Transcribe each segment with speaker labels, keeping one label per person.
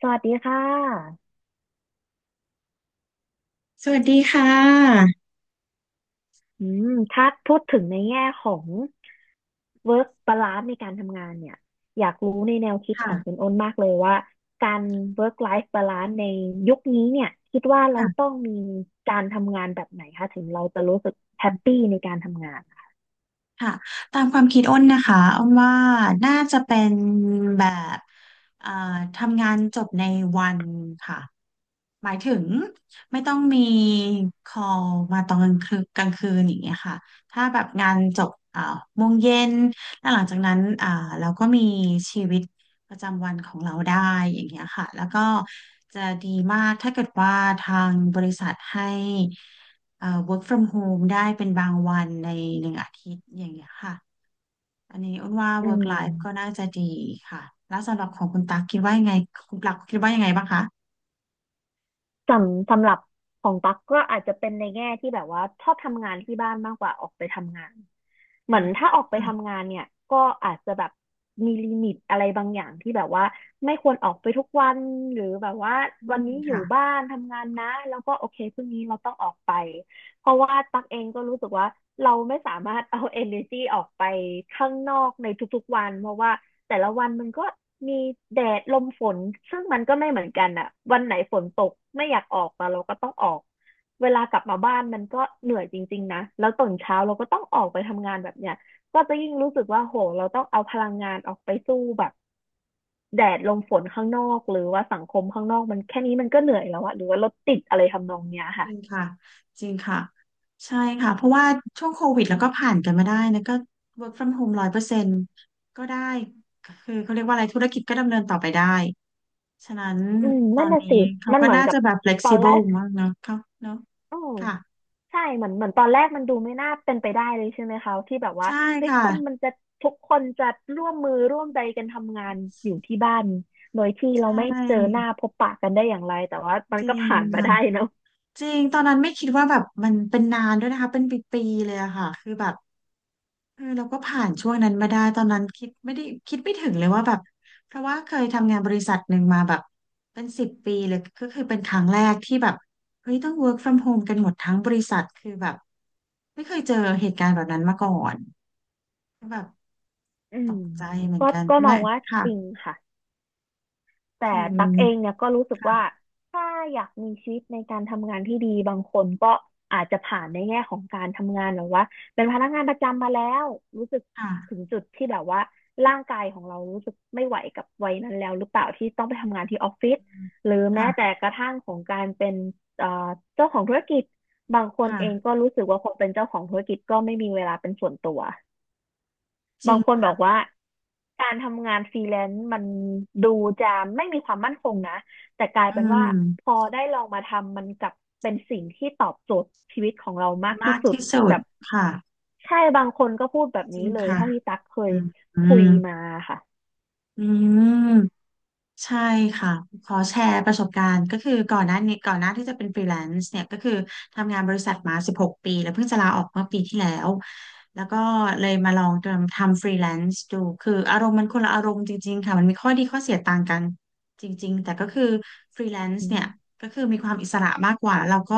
Speaker 1: สวัสดีค่ะ
Speaker 2: สวัสดีค่ะ
Speaker 1: ถ้าพูดถึงในแง่ของ work balance ในการทำงานเนี่ยอยากรู้ในแนวคิดของคุ
Speaker 2: ค่ะ
Speaker 1: ณอ้นมากเลยว่าการ work life balance ในยุคนี้เนี่ยคิดว่าเรา
Speaker 2: ค่ะ
Speaker 1: ต้องมีการทำงานแบบไหนคะถึงเราจะรู้สึกแฮปปี้ในการทำงาน
Speaker 2: ค่ะตามความคิดอ้นนะคะอ้นว่าน่าจะเป็นแบบเอ่อทำงานจบในวันค่ะหมายถึงไม่ต้องมี call มาตอนกลางคืนกลางคืนอย่างเงี้ยค่ะถ้าแบบงานจบโมงเย็นแล้วหลังจากนั้นเราก็มีชีวิตประจำวันของเราได้อย่างเงี้ยค่ะแล้วก็จะดีมากถ้าเกิดว่าทางบริษัทให้work from home ได้เป็น ในหนึ่งอาทิตย์อย่างเงี้ยค่ะ อันนี้อ้นว่า
Speaker 1: อื
Speaker 2: work life ก็
Speaker 1: ม
Speaker 2: น่าจะดีค่ะ แล้วสำหรับของคุณตั๊กคิดว่ายังไง คุณตั๊กคิดว่ายังไงบ้างคะ
Speaker 1: สำหรับของตั๊กก็อาจจะเป็นในแง่ที่แบบว่าชอบทำงานที่บ้านมากกว่าออกไปทำงานเห
Speaker 2: อื
Speaker 1: มือน
Speaker 2: ม
Speaker 1: ถ้าออกไป
Speaker 2: ค่ะ
Speaker 1: ทำงานเนี่ยก็อาจจะแบบมีลิมิตอะไรบางอย่างที่แบบว่าไม่ควรออกไปทุกวันหรือแบบว่า
Speaker 2: อื
Speaker 1: วัน
Speaker 2: ม
Speaker 1: นี้อยู่
Speaker 2: ค่ะ
Speaker 1: บ้านทำงานนะแล้วก็โอเคพรุ่งนี้เราต้องออกไปเพราะว่าตั๊กเองก็รู้สึกว่าเราไม่สามารถเอา energy ออกไปข้างนอกในทุกๆวันเพราะว่า แต่ละวันมันก็มีแดดลมฝนซึ่งมันก็ไม่เหมือนกันอ่ะวันไหนฝนตกไม่อยากออกแต่เราก็ต้องออกเวลากลับมาบ้านมันก็เหนื่อยจริงๆนะแล้วตื่นเช้าเราก็ต้องออกไปทำงานแบบเนี้ยก็จะยิ่งรู้สึกว่าโหเราต้องเอาพลังงานออกไปสู้แบบแดดลมฝนข้างนอกหรือว่าสังคมข้างนอกมันแค่นี้มันก็เหนื่อยแล้วอะหรือว่ารถติดอะไรทำนองเนี้ย
Speaker 2: จ
Speaker 1: ค่ะ
Speaker 2: ริงค่ะ จริงค่ะ ใช่ค่ะ เพราะว่าช่วงโควิดแล้วก็ผ่านกันมาได้นะก็ work from home ร้อยเปอร์เซ็นต์ก็ได้ คือเขาเรียกว่าอะไรธุรกิจก็ดำเนินต่อไปได้ ฉะนั้น
Speaker 1: อืมนั่นน่ะสิ
Speaker 2: เขา
Speaker 1: มัน
Speaker 2: ก็
Speaker 1: เหมือน
Speaker 2: น่า
Speaker 1: กั
Speaker 2: จะ
Speaker 1: บ
Speaker 2: แบบ
Speaker 1: ตอนแร
Speaker 2: flexible
Speaker 1: ก
Speaker 2: มากเนอะเขาเนอะ
Speaker 1: อืม
Speaker 2: ค่ะ
Speaker 1: ใช่เหมือนตอนแรกมันดูไม่น่าเป็นไปได้เลยใช่ไหมคะที่แบบว่า
Speaker 2: ใช่
Speaker 1: เฮ้ย
Speaker 2: ค่ะ
Speaker 1: คนมันจะทุกคนจะร่วมมือร่วมใจกันทำงานอยู่ที่บ้านโดยที่
Speaker 2: ใช
Speaker 1: เราไม่เจอห
Speaker 2: ่
Speaker 1: น้าพบปะกันได้อย่างไรแต่ว่ามัน
Speaker 2: จริ
Speaker 1: ก็
Speaker 2: ง
Speaker 1: ผ่านมา
Speaker 2: ค่ะ
Speaker 1: ได้เนอะ
Speaker 2: จริงตอนนั้นไม่คิดว่าแบบมันเป็นนานด้วยนะคะเป็นปีๆเลยอะค่ะคือแบบเออเราก็ผ่านช่วงนั้นมาได้ตอนนั้นคิดไม่ได้คิดไม่ถึงเลยว่าแบบเพราะว่าเคยทำงานบริษัทหนึ่งมาแบบเป็นสิบปีเลยก็คือเป็นครั้งแรกที่แบบเฮ้ยต้อง work from home กันหมดทั้งบริษัทคือแบบไม่เคยเจอเหตุการณ์แบบนั้นมาก่อนก็แบบ
Speaker 1: อื
Speaker 2: ต
Speaker 1: ม
Speaker 2: กใจเหมือน
Speaker 1: ก็
Speaker 2: กัน
Speaker 1: ก็ม
Speaker 2: แม่
Speaker 1: องว่า
Speaker 2: ค่ะ
Speaker 1: จริงค่ะ แต่
Speaker 2: คือ
Speaker 1: ตักเองเนี่ยก็รู้สึกว่า
Speaker 2: ค่ะ
Speaker 1: ถ้าอยากมีชีวิตในการทำงานที่ดีบางคนก็อาจจะผ่านในแง่ของการทำงานแบบว่าเป็นพนักงานประจำมาแล้วรู้สึกถึง
Speaker 2: ค่ะ
Speaker 1: จุดที่แบบว่าร่างกายของเรารู้สึกไม่ไหวกับวัยนั้นแล้วหรือเปล่าที่ต้องไปทำงานที่ออฟฟิศหรือแม้แต่
Speaker 2: ค่ะ
Speaker 1: กระทั่งของการเป็นเอ่อเจ้าของธุรกิจบางคนเอง
Speaker 2: ค่ะ
Speaker 1: ก็รู้สึกว่าพอเป็นเจ้าของธุรกิจก็ไม่มีเวลาเป็นส่วนตัว
Speaker 2: จริ
Speaker 1: บา
Speaker 2: ง
Speaker 1: งคนบอกว่า การทำงานฟรีแลนซ์มันดูจะไม่มีความมั่นคงนะ แต่กลาย
Speaker 2: อื
Speaker 1: เป็นว่าพอ
Speaker 2: ม
Speaker 1: ได้ลองมาทำมันกลับเป็นสิ่งที่ตอบโจทย์ชีวิตของเรามากที่
Speaker 2: มาก
Speaker 1: สุด
Speaker 2: ที่สุ
Speaker 1: แบ
Speaker 2: ด
Speaker 1: บ
Speaker 2: ค่ะ
Speaker 1: ใช่บางคนก็พูดแบบ
Speaker 2: จริ
Speaker 1: นี้
Speaker 2: ง
Speaker 1: เลย
Speaker 2: ค่ะ
Speaker 1: เท่าที่ตักเคย
Speaker 2: อืมอื
Speaker 1: คุย
Speaker 2: ม
Speaker 1: มาค่ะ
Speaker 2: อืมใช่ค่ะ ขอแชร์ประสบการณ์ก็คือก่อนหน้านี้ก่อนหน้าที่จะเป็นฟรีแลนซ์เนี่ยก็คือทำงานบริษัทมา16ปีแล้วเพิ่งจะลาออกเมื่อปีที่แล้ว แล้วก็เลยมาลองทำฟรีแลนซ์ดูคืออารมณ์มันคนละอารมณ์จริงๆค่ะมันมีข้อดีข้อเสียต่างกันจริงๆ แต่ก็คือฟรีแลนซ์
Speaker 1: อื
Speaker 2: เนี่ย
Speaker 1: ม
Speaker 2: ก็คือมีความอิสระมากกว่าแล้วเราก็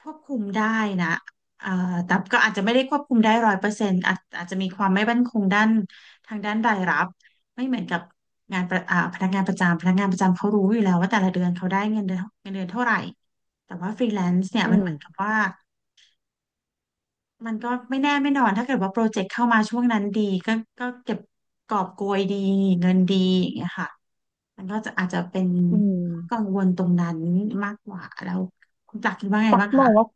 Speaker 2: ควบคุมได้นะเอ่อแต่ก็อาจจะไม่ได้ควบคุมได้ร้อยเปอร์เซ็นต์อาจจะมีความไม่มั่นคงด้านทางด้านรายรับไม่เหมือนกับงานประอ่าพนักงานประจำพนักงานประจำเขารู้อยู่แล้วว่าแต่ละเดือนเขาได้เงินเดือนเท่าไหร่แต่ว่าฟรีแลนซ์เนี่ย
Speaker 1: อื
Speaker 2: มัน
Speaker 1: ม
Speaker 2: เหมือนกับว่ามันก็ไม่แน่ไม่นอนถ้าเกิดว่าโปรเจกต์เข้ามาช่วงนั้นดีก็ก็เก็บกอบโกยดีเงินดีอย่างเงี้ยค่ะมันก็จะอาจจะเป็น
Speaker 1: อื
Speaker 2: ข้อกั
Speaker 1: ม
Speaker 2: งวลตรงนั้นมากกว่าแล้วคุณจักรคิดว่าไง
Speaker 1: ตัก
Speaker 2: บ้าง
Speaker 1: มอ
Speaker 2: คะ
Speaker 1: งว่า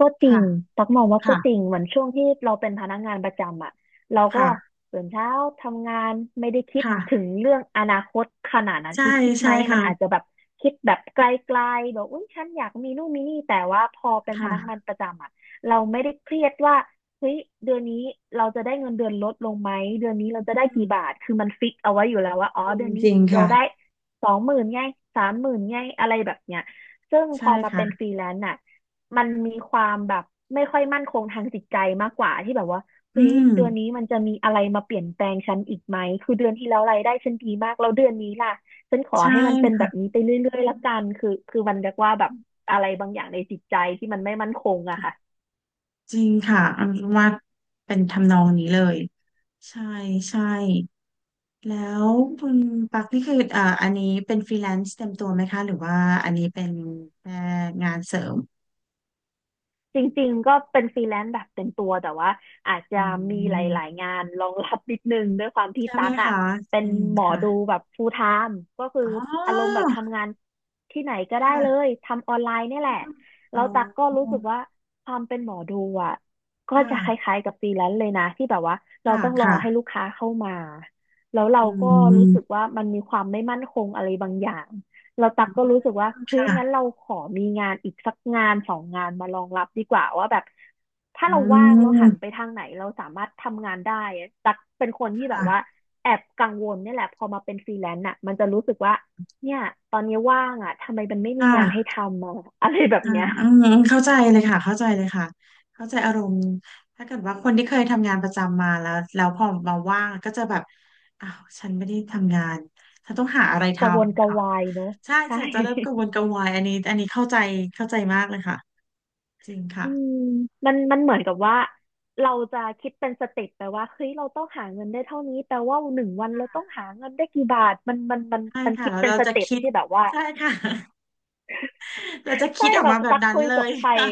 Speaker 1: ก็จริ
Speaker 2: ค่ะ
Speaker 1: งตักมองว่าก็จริง
Speaker 2: ค่ะ
Speaker 1: เหมือนช่วงที่เราเป็นพนักงานประจำอ่ะเราก็
Speaker 2: ค่ะ
Speaker 1: ตื่นเช้าทำงานไม่ได้คิดถึง
Speaker 2: ค่ะ
Speaker 1: เรื่องอนาคตขนาดนั้น
Speaker 2: ใช่
Speaker 1: คือคิดไห
Speaker 2: ใช่
Speaker 1: ม มันอาจ
Speaker 2: ค่ะ
Speaker 1: จะแบบคิดแบบไกลๆแบบอุ้ยฉันอยากมีนู่นมีนี่แต่ว่าพอเป็นพนักงา
Speaker 2: ค่ะ
Speaker 1: นประจำอ่ะเราไม่ได้เครียดว่าเฮ้ยเดือนนี้เราจะได้เงินเดือนลดลงไหมเดือนนี้เราจะได้กี่บาทคือมันฟิกเอาไว้อยู่แล้วว่าอ๋อ
Speaker 2: จริง
Speaker 1: เดือน
Speaker 2: จ
Speaker 1: นี้
Speaker 2: ริง
Speaker 1: เรา
Speaker 2: ค่ะ
Speaker 1: ได้20,000ไง30,000ไงอะไรแบบเนี้ย ซึ่งพ
Speaker 2: ใช่
Speaker 1: อมาเป็นฟ
Speaker 2: ค่ะ
Speaker 1: รีแลนซ์น่ะมันมีความแบบไม่ค่อยมั่นคงทางจิตใจมากกว่าที่แบบว่า
Speaker 2: อื
Speaker 1: เฮ้ย
Speaker 2: ม
Speaker 1: เดือนนี้มันจะมีอะไรมาเปลี่ยนแปลงฉันอีกไหมคือเดือนที่แล้วรายได้ฉันดีมากแล้วเดือนนี้ล่ะฉันขอ
Speaker 2: ใช่
Speaker 1: ให้มันเป็นแบบ
Speaker 2: ค่ะ
Speaker 1: นี้ไปเรื่อยๆละกันคือมันเรียกว่าแบบอะไรบางอย่างในจิตใจที่มันไม่มั่นคงอะค่ะ
Speaker 2: จริงค่ะอันว่าเป็นทำนองนี้เลยใช่ใช่แล้วคุณปักนี่คืออันนี้เป็นฟรีแลนซ์เต็มตัวไหมคะหรือว่าอันนี้เป็นแค่งานเสริม
Speaker 1: จริงๆ ก็เป็นฟรีแลนซ์แบบเต็มตัวแต่ว่าอาจจะ
Speaker 2: อื
Speaker 1: มีหลาย
Speaker 2: ม
Speaker 1: ๆงานรองรับนิดนึงด้วยความที่
Speaker 2: ใช่ไหม
Speaker 1: ตั๊กอ่ะ
Speaker 2: คะ
Speaker 1: เป็น
Speaker 2: อืม
Speaker 1: หมอ
Speaker 2: ค่ะ
Speaker 1: ดูแบบ full time ก็คือ
Speaker 2: อ๋
Speaker 1: อารมณ์แบ
Speaker 2: อ
Speaker 1: บทำงานที่ไหนก็ได้เล
Speaker 2: ค่ะ
Speaker 1: ยทำออนไลน์เนี่ยแหละ
Speaker 2: อ๋
Speaker 1: แล้วตั๊กก็
Speaker 2: อ
Speaker 1: รู้สึกว่าความเป็นหมอดูอ่ะ
Speaker 2: ค
Speaker 1: ก็จะค
Speaker 2: ่ะ
Speaker 1: ล้ายๆกับฟรีแลนซ์เลยนะที่แบบว่าเรา
Speaker 2: ค่ะ
Speaker 1: ต้องรอให้
Speaker 2: ค่ะ
Speaker 1: ลูกค้าเข้ามาแล้วเรา
Speaker 2: อื
Speaker 1: ก็รู้สึก
Speaker 2: ม
Speaker 1: ว่ามันมีความไม่มั่นคงอะไรบางอย่าง เราตักก็รู้สึกว่าเฮ้ย
Speaker 2: ค่ะ
Speaker 1: งั้นเราขอมีงานอีกสักงานสองงานมารองรับดีกว่าว่าแบบถ้า
Speaker 2: อื
Speaker 1: เราว่างเราหันไป
Speaker 2: ม
Speaker 1: ทางไหนเราสามารถทำงานได้อะตักเป็นคนที่แบบว่า
Speaker 2: ค่ะ
Speaker 1: แอบกังวลเนี่ยแหละพอมาเป็นฟรีแลนซ์อ่ะมันจะรู้สึกว่าเนี่ยตอนนี้ว่างอ่ะทำไมมันไม่
Speaker 2: ค
Speaker 1: มีงานให้ท
Speaker 2: ่ะ
Speaker 1: ำอะอะไรแบบ
Speaker 2: ค่ะ
Speaker 1: เนี้ย
Speaker 2: อืมเข้าใจเลยค่ะเข้าใจเลยค่ะเข้าใจอารมณ์ถ้าเกิดว่าคนที่เคยทำงานประจำมาแล้วแล้วพอมาว่างก็จะแบบอ้าวฉันไม่ได้ทำงานฉันต้องหาอะไรท
Speaker 1: กระวนก
Speaker 2: ำ
Speaker 1: ระ
Speaker 2: ค่ะ
Speaker 1: วายเนอะ
Speaker 2: ใช่
Speaker 1: ใช่
Speaker 2: จะเริ่มกังวลกังวายอันนี้อันนี้เข้าใจเข้าใจมากเลยค่ะจริงค่ะ
Speaker 1: อืมมันเหมือนกับว่าเราจะคิดเป็นสเต็ปแปลว่าเฮ้ยเราต้องหาเงินได้เท่านี้แปลว่าหนึ่งวันเราต้องหาเงินได้กี่บาทมันมันมัน
Speaker 2: ใช่
Speaker 1: มัน
Speaker 2: ค่ะ
Speaker 1: คิด
Speaker 2: แล้ว
Speaker 1: เป็น
Speaker 2: เรา
Speaker 1: ส
Speaker 2: จะ
Speaker 1: เต็ป
Speaker 2: คิด
Speaker 1: ที่แบบว่า
Speaker 2: ใช่ค่ะ เราจะ
Speaker 1: ใช่
Speaker 2: คิดออก
Speaker 1: แบบ
Speaker 2: มาแบบ
Speaker 1: ตัก
Speaker 2: นั้น
Speaker 1: คุย
Speaker 2: เล
Speaker 1: กับ
Speaker 2: ย
Speaker 1: ใคร
Speaker 2: ค่ะ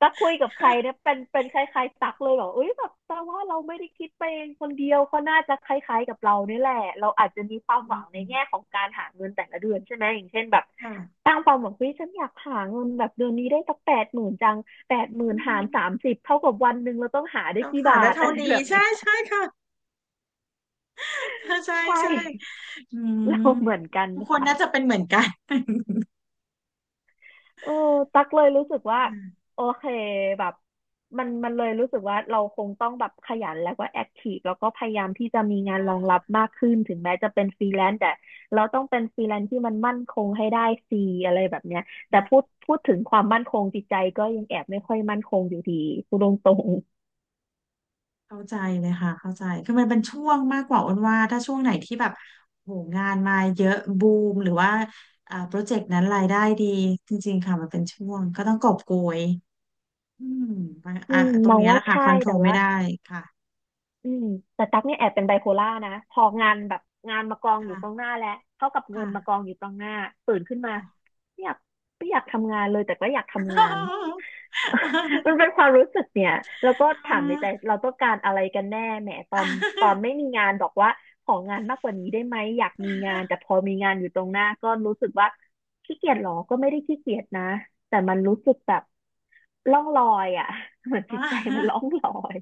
Speaker 1: ตักคุยกับใครเนี่ยเป็นคล้ายๆตักเลยแบบเอ้ยแบบแต่ว่าเราไม่ได้คิดไปเองคนเดียวเขาน่าจะคล้ายๆกับเราเนี่ยแหละเราอาจจะมีความ
Speaker 2: อื
Speaker 1: หวังในแง่
Speaker 2: ม
Speaker 1: ของการหาเงินแต่ละเดือนใช่ไหมอย่างเช่นแบบ
Speaker 2: ค่ะ
Speaker 1: ตั้งความหวังว่าฉันอยากหาเงินแบบเดือนนี้ได้สักแปดหมื่นจังแปดหมื่
Speaker 2: อื
Speaker 1: นหาร
Speaker 2: ม
Speaker 1: สามสิบเท่ากับวันหนึ่งเราต้องหาได้
Speaker 2: เรา
Speaker 1: กี่
Speaker 2: ขา
Speaker 1: บา
Speaker 2: ดได้
Speaker 1: ท
Speaker 2: เท่า
Speaker 1: อะไร
Speaker 2: นี้
Speaker 1: แบบเนี้
Speaker 2: ใช่
Speaker 1: ย
Speaker 2: ใช่ค่ะ ค่ะใช่
Speaker 1: ใช่
Speaker 2: ใช่ อืม
Speaker 1: เราเหมือนกัน
Speaker 2: ทุกคน
Speaker 1: ค่ะ
Speaker 2: น่าจะเป็นเหมือนกัน
Speaker 1: เออตักเลยรู้สึกว่าโอเคแบบมันเลยรู้สึกว่าเราคงต้องแบบขยันแล้วก็แอคทีฟแล้วก็พยายามที่จะมีงานรองรับมากขึ้นถึงแม้จะเป็นฟรีแลนซ์แต่เราต้องเป็นฟรีแลนซ์ที่มันมั่นคงให้ได้ซีอะไรแบบเนี้ยแต่พูดถึงความมั่นคงจิตใจก็ยังแอบไม่ค่อยมั่นคงอยู่ดีพูดตรง
Speaker 2: เข้าใจเลยค่ะเข้าใจคือมันเป็นช่วงมากกว่าอ้นว่าถ้าช่วงไหนที่แบบโหงานมาเยอะบูมหรือว่าโปรเจกต์นั้นรายได้ดีจริงๆค่ะมันเป็นช่วงก็ต้องกอบโกยอืม
Speaker 1: ๆอื
Speaker 2: อ่ะ
Speaker 1: ม
Speaker 2: ตร
Speaker 1: ม
Speaker 2: ง
Speaker 1: อง
Speaker 2: เนี้ยแห
Speaker 1: ว่า
Speaker 2: ละค่ะค
Speaker 1: ใช่
Speaker 2: อนโทร
Speaker 1: แต่
Speaker 2: ลไม่
Speaker 1: ว่า
Speaker 2: ได้ค่ะ
Speaker 1: อืมแต่ตั๊กเนี่ยแอบเป็นไบโพล่านะพองานแบบงานมากองอยู่ตรงห
Speaker 2: ค่ะ
Speaker 1: น้าแล้วเท่ากับเงินมากอ
Speaker 2: ค่ะ
Speaker 1: งอยู่ตรงหน้าตื่นขึ้นมา
Speaker 2: ค่ะ
Speaker 1: ไม่อยากไม่อยากทำงานเลยแต่ก็อยากทำงาน มันเป็นความรู้สึกเนี่ยแล้วก็ถามในใจเรา ต้องการอะไรกันแน่แหมตอนตอนไม่มีงานบอกว่าของานมากกว่านี้ได้ไหมอยากมีงานแต่พอมีงานอยู่ตรงหน้าก็รู้สึกว่าขี้เกียจหรอก็ไม่ได้ขี้เกียจนะแต่มันรู้สึกแบบล่องลอยอ่ะ เหมือน
Speaker 2: อ่
Speaker 1: จิตใจมันล่อ
Speaker 2: า
Speaker 1: งลอย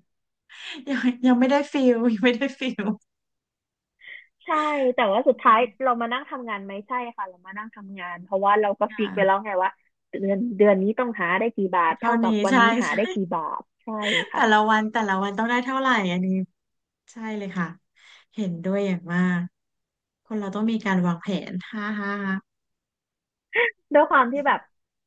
Speaker 2: ยังยังไม่ได้ฟิลยังไม่ได้ฟิล
Speaker 1: ใช่แต่ว่าสุดท้ายเรามานั่งทำงานไหมใช่ค่ะเรามานั่งทำงานเพราะว่าเราก็ฟิ
Speaker 2: ค่ะ
Speaker 1: กไปแล้วไงว่าเดือนนี้ต้องหาได้กี่บาท
Speaker 2: เท่า
Speaker 1: เท่ากั
Speaker 2: นี้
Speaker 1: บวัน
Speaker 2: ใช่
Speaker 1: นี้หา
Speaker 2: ใช่
Speaker 1: ได้กี่บาทใช่
Speaker 2: แต่
Speaker 1: ค่ะ
Speaker 2: ละวันแต่ละวันต้องได้เท่าไหร่อันนี้ใช่เลยค่ะเห็นด้วยอย่างมากคนเราต้องมีการวางแผนฮ่าฮ่าฮ่า
Speaker 1: ด้วยความที่แบบ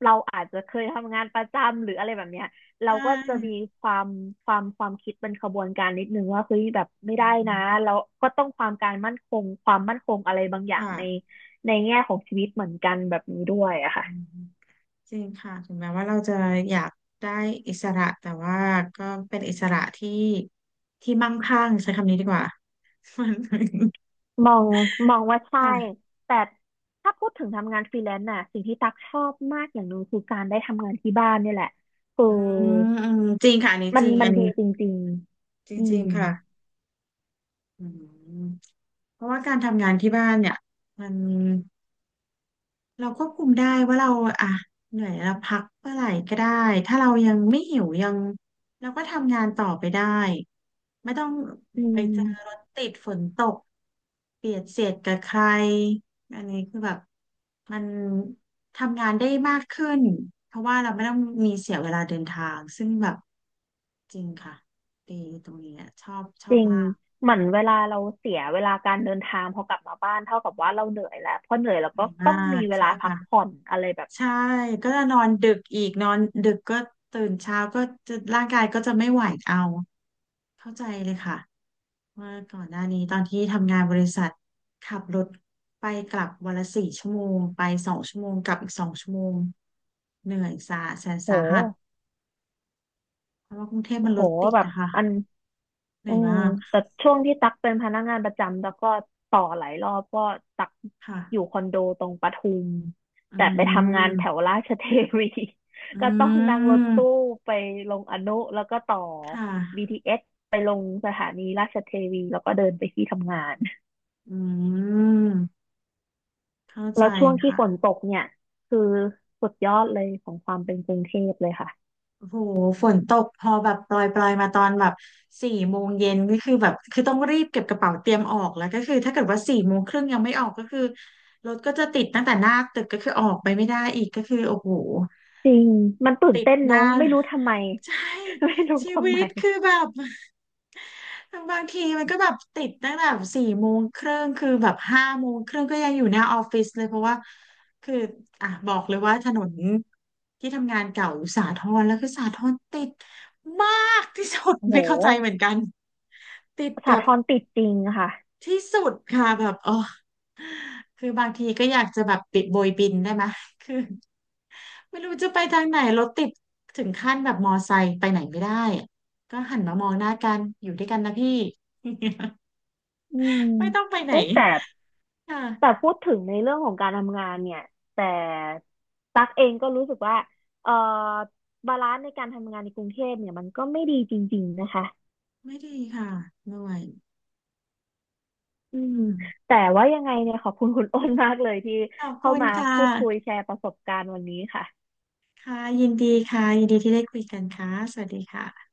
Speaker 1: เราอาจจะเคยทำงานประจำหรืออะไรแบบเนี้ย
Speaker 2: ใช
Speaker 1: เราก็จะมี
Speaker 2: ่
Speaker 1: ความความคิดเป็นขบวนการนิดนึงว่าเฮ้ยแบบไม่
Speaker 2: อื
Speaker 1: ได้
Speaker 2: ม
Speaker 1: นะเราก็ต้องความการมั่นคงความมั่นคงอะไรบางอย่าง
Speaker 2: ค่ะ
Speaker 1: ในในแง่ของชีวิตเหมือนกันแบบนี้ด้วย
Speaker 2: อ
Speaker 1: อะค่ะ
Speaker 2: ืมจริงค่ะถึงแม้ว่าเราจะอยากได้อิสระแต่ว่าก็เป็นอิสระที่ที่มั่งคั่งใช้คำนี้ดีกว่า
Speaker 1: มองมองว่า ใช่
Speaker 2: ค่ะ
Speaker 1: แต่ถ้าพูดถึงทำงานฟรีแลนซ์น่ะสิ่งที่ตักชอบมากอย่างหนึ่งคือการได้ทำงานที่บ้านเนี่ยแหละคือ
Speaker 2: อืมอืมจริงค่ะอันนี้
Speaker 1: มั
Speaker 2: จ
Speaker 1: น
Speaker 2: ริง
Speaker 1: มั
Speaker 2: อั
Speaker 1: น
Speaker 2: น
Speaker 1: ดี
Speaker 2: นี้
Speaker 1: จริง
Speaker 2: จ
Speaker 1: ๆ
Speaker 2: ริงๆค่ะอืมเพราะว่าการทำงานที่บ้านเนี่ยมัน เราควบคุมได้ว่าเราอ่ะเหนื่อยเราพักเมื่อไหร่ก็ได้ถ้าเรายังไม่หิวยังเราก็ทำงานต่อไปได้ไม่ต้อง
Speaker 1: อื
Speaker 2: ไปเจ
Speaker 1: ม
Speaker 2: อรถติดฝนตกเบียดเสียดกับใครอันนี้คือแบบมันทำงานได้มากขึ้นเพราะว่าเราไม่ต้องมีเสียเวลาเดินทางซึ่งแบบจริงค่ะดีตรงนี้อะชอบช
Speaker 1: จ
Speaker 2: อบ
Speaker 1: ริง
Speaker 2: มาก
Speaker 1: เหมือนเวลาเราเสียเวลาการเดินทางพอกลับมาบ้านเท่ากับว่าเราเหนื่อยแล้วพอเหนื่อยเรา
Speaker 2: เหนื่
Speaker 1: ก็
Speaker 2: อยมา
Speaker 1: ต้องมี
Speaker 2: ก
Speaker 1: เว
Speaker 2: ใช่
Speaker 1: ลาพัก
Speaker 2: ค่ะ
Speaker 1: ผ่อนอะไรแบบเนี้
Speaker 2: ใช่
Speaker 1: ย
Speaker 2: ก็จะนอนดึกอีกนอนดึกก็ตื่นเช้าก็จะร่างกายก็จะไม่ไหวเอาเข้าใจเลยค่ะว่าก่อนหน้านี้ตอนที่ทำงานบริษัทขับรถไปกลับวันละ4 ชั่วโมงไปสองชั่วโมงกลับอีกสองชั่วโมงเหนื่อยสาแสน
Speaker 1: โ
Speaker 2: สาหัส
Speaker 1: ห
Speaker 2: เพราะว่ากรุงเทพมัน
Speaker 1: โห
Speaker 2: รถติด
Speaker 1: แบบ
Speaker 2: นะคะ
Speaker 1: อัน
Speaker 2: เหนื่
Speaker 1: อื
Speaker 2: อย
Speaker 1: ม
Speaker 2: มาก
Speaker 1: แต่ช่วงที่ตักเป็นพนักงานประจำแล้วก็ต่อหลายรอบก็ตัก
Speaker 2: ค่ะ
Speaker 1: อยู่คอนโดตรงปทุม
Speaker 2: อื
Speaker 1: แต่ไปทำงานแถว
Speaker 2: ม
Speaker 1: ราชเทวี
Speaker 2: อื
Speaker 1: ก็ต้องนั่งรถตู้
Speaker 2: ม
Speaker 1: ไปลงอนุแล้วก็ต่อ
Speaker 2: ค่ะ
Speaker 1: BTS ไปลงสถานีราชเทวีแล้วก็เดินไปที่ทำงาน
Speaker 2: อืมเข้าใจ
Speaker 1: แล้วช่วงที่ฝน
Speaker 2: ค่ะ
Speaker 1: ตกเนี่ยคือสุดยอดเลยของความเป็นกรุงเทพเลยค่ะ
Speaker 2: โอ้โหฝนตกพอแบบปลอยมาตอนแบบ4 โมงเย็นก็คือแบบต้องรีบเก็บกระเป๋าเตรียมออกแล้วก็คือถ้าเกิดว่าสี่โมงครึ่งยังไม่ออกก็คือรถก็จะติดตั้งแต่หน้าตึกก็คือออกไปไม่ได้อีกก็คือโอ้โห
Speaker 1: จริงมันตื่น
Speaker 2: ติด
Speaker 1: เต้น
Speaker 2: ห
Speaker 1: เน
Speaker 2: น้า
Speaker 1: อะไม่รู้ทำไม
Speaker 2: ใช่
Speaker 1: ไม่รู้
Speaker 2: ชี
Speaker 1: ทำ
Speaker 2: วิ
Speaker 1: ไม
Speaker 2: ตคือแบบ บางทีมันก็แบบติดตั้งแต่สี่โมงครึ่งคือแบบ5 โมงครึ่งก็ยังอยู่หน้าออฟฟิศเลยเพราะว่าคืออ่ะบอกเลยว่าถนนที่ทำงานเก่าอยู่สาทรแล้วคือสาทรติดมากที่สุด
Speaker 1: โอ้โห
Speaker 2: ไม่เข้าใจเหมือนกันติดแบ
Speaker 1: สา
Speaker 2: บ
Speaker 1: ทรติดจริงค่ะ
Speaker 2: ที่สุดค่ะแบบอ๋อคือบางทีก็อยากจะแบบปิดโบยบินได้ไหมคือไม่รู้จะไปทางไหนรถติดถึงขั้นแบบมอไซค์ไปไหนไม่ได้อะก็หันมามองหน้ากันอยู่ด้วยกันนะพี่
Speaker 1: อืม
Speaker 2: ไม่ต้องไปไหน
Speaker 1: เอ้ยแต่แต่
Speaker 2: ค่ะ
Speaker 1: พูดถึงในเรื่องของการทำงานเนี่ยแต่ตั๊กเองก็รู้สึกว่าเอ่อบาลานซ์ในการทำงานในกรุงเทพเนี่ยมันก็ไม่ดีจริงๆนะคะ
Speaker 2: ไม่ดีค่ะเหนื่อย
Speaker 1: อืม
Speaker 2: อืม
Speaker 1: แต่ว่ายังไงเนี่ยขอบคุณคุณอ้นมากเลยที่
Speaker 2: ขอบ
Speaker 1: เข้า
Speaker 2: คุณ
Speaker 1: มา
Speaker 2: ค่ะ
Speaker 1: พูดคุยแชร์ประสบการณ์วันนี้ค่ะ
Speaker 2: ค่ะยินดีค่ะยินดีที่ได้คุยกันค่ะสวัสดีค่ะ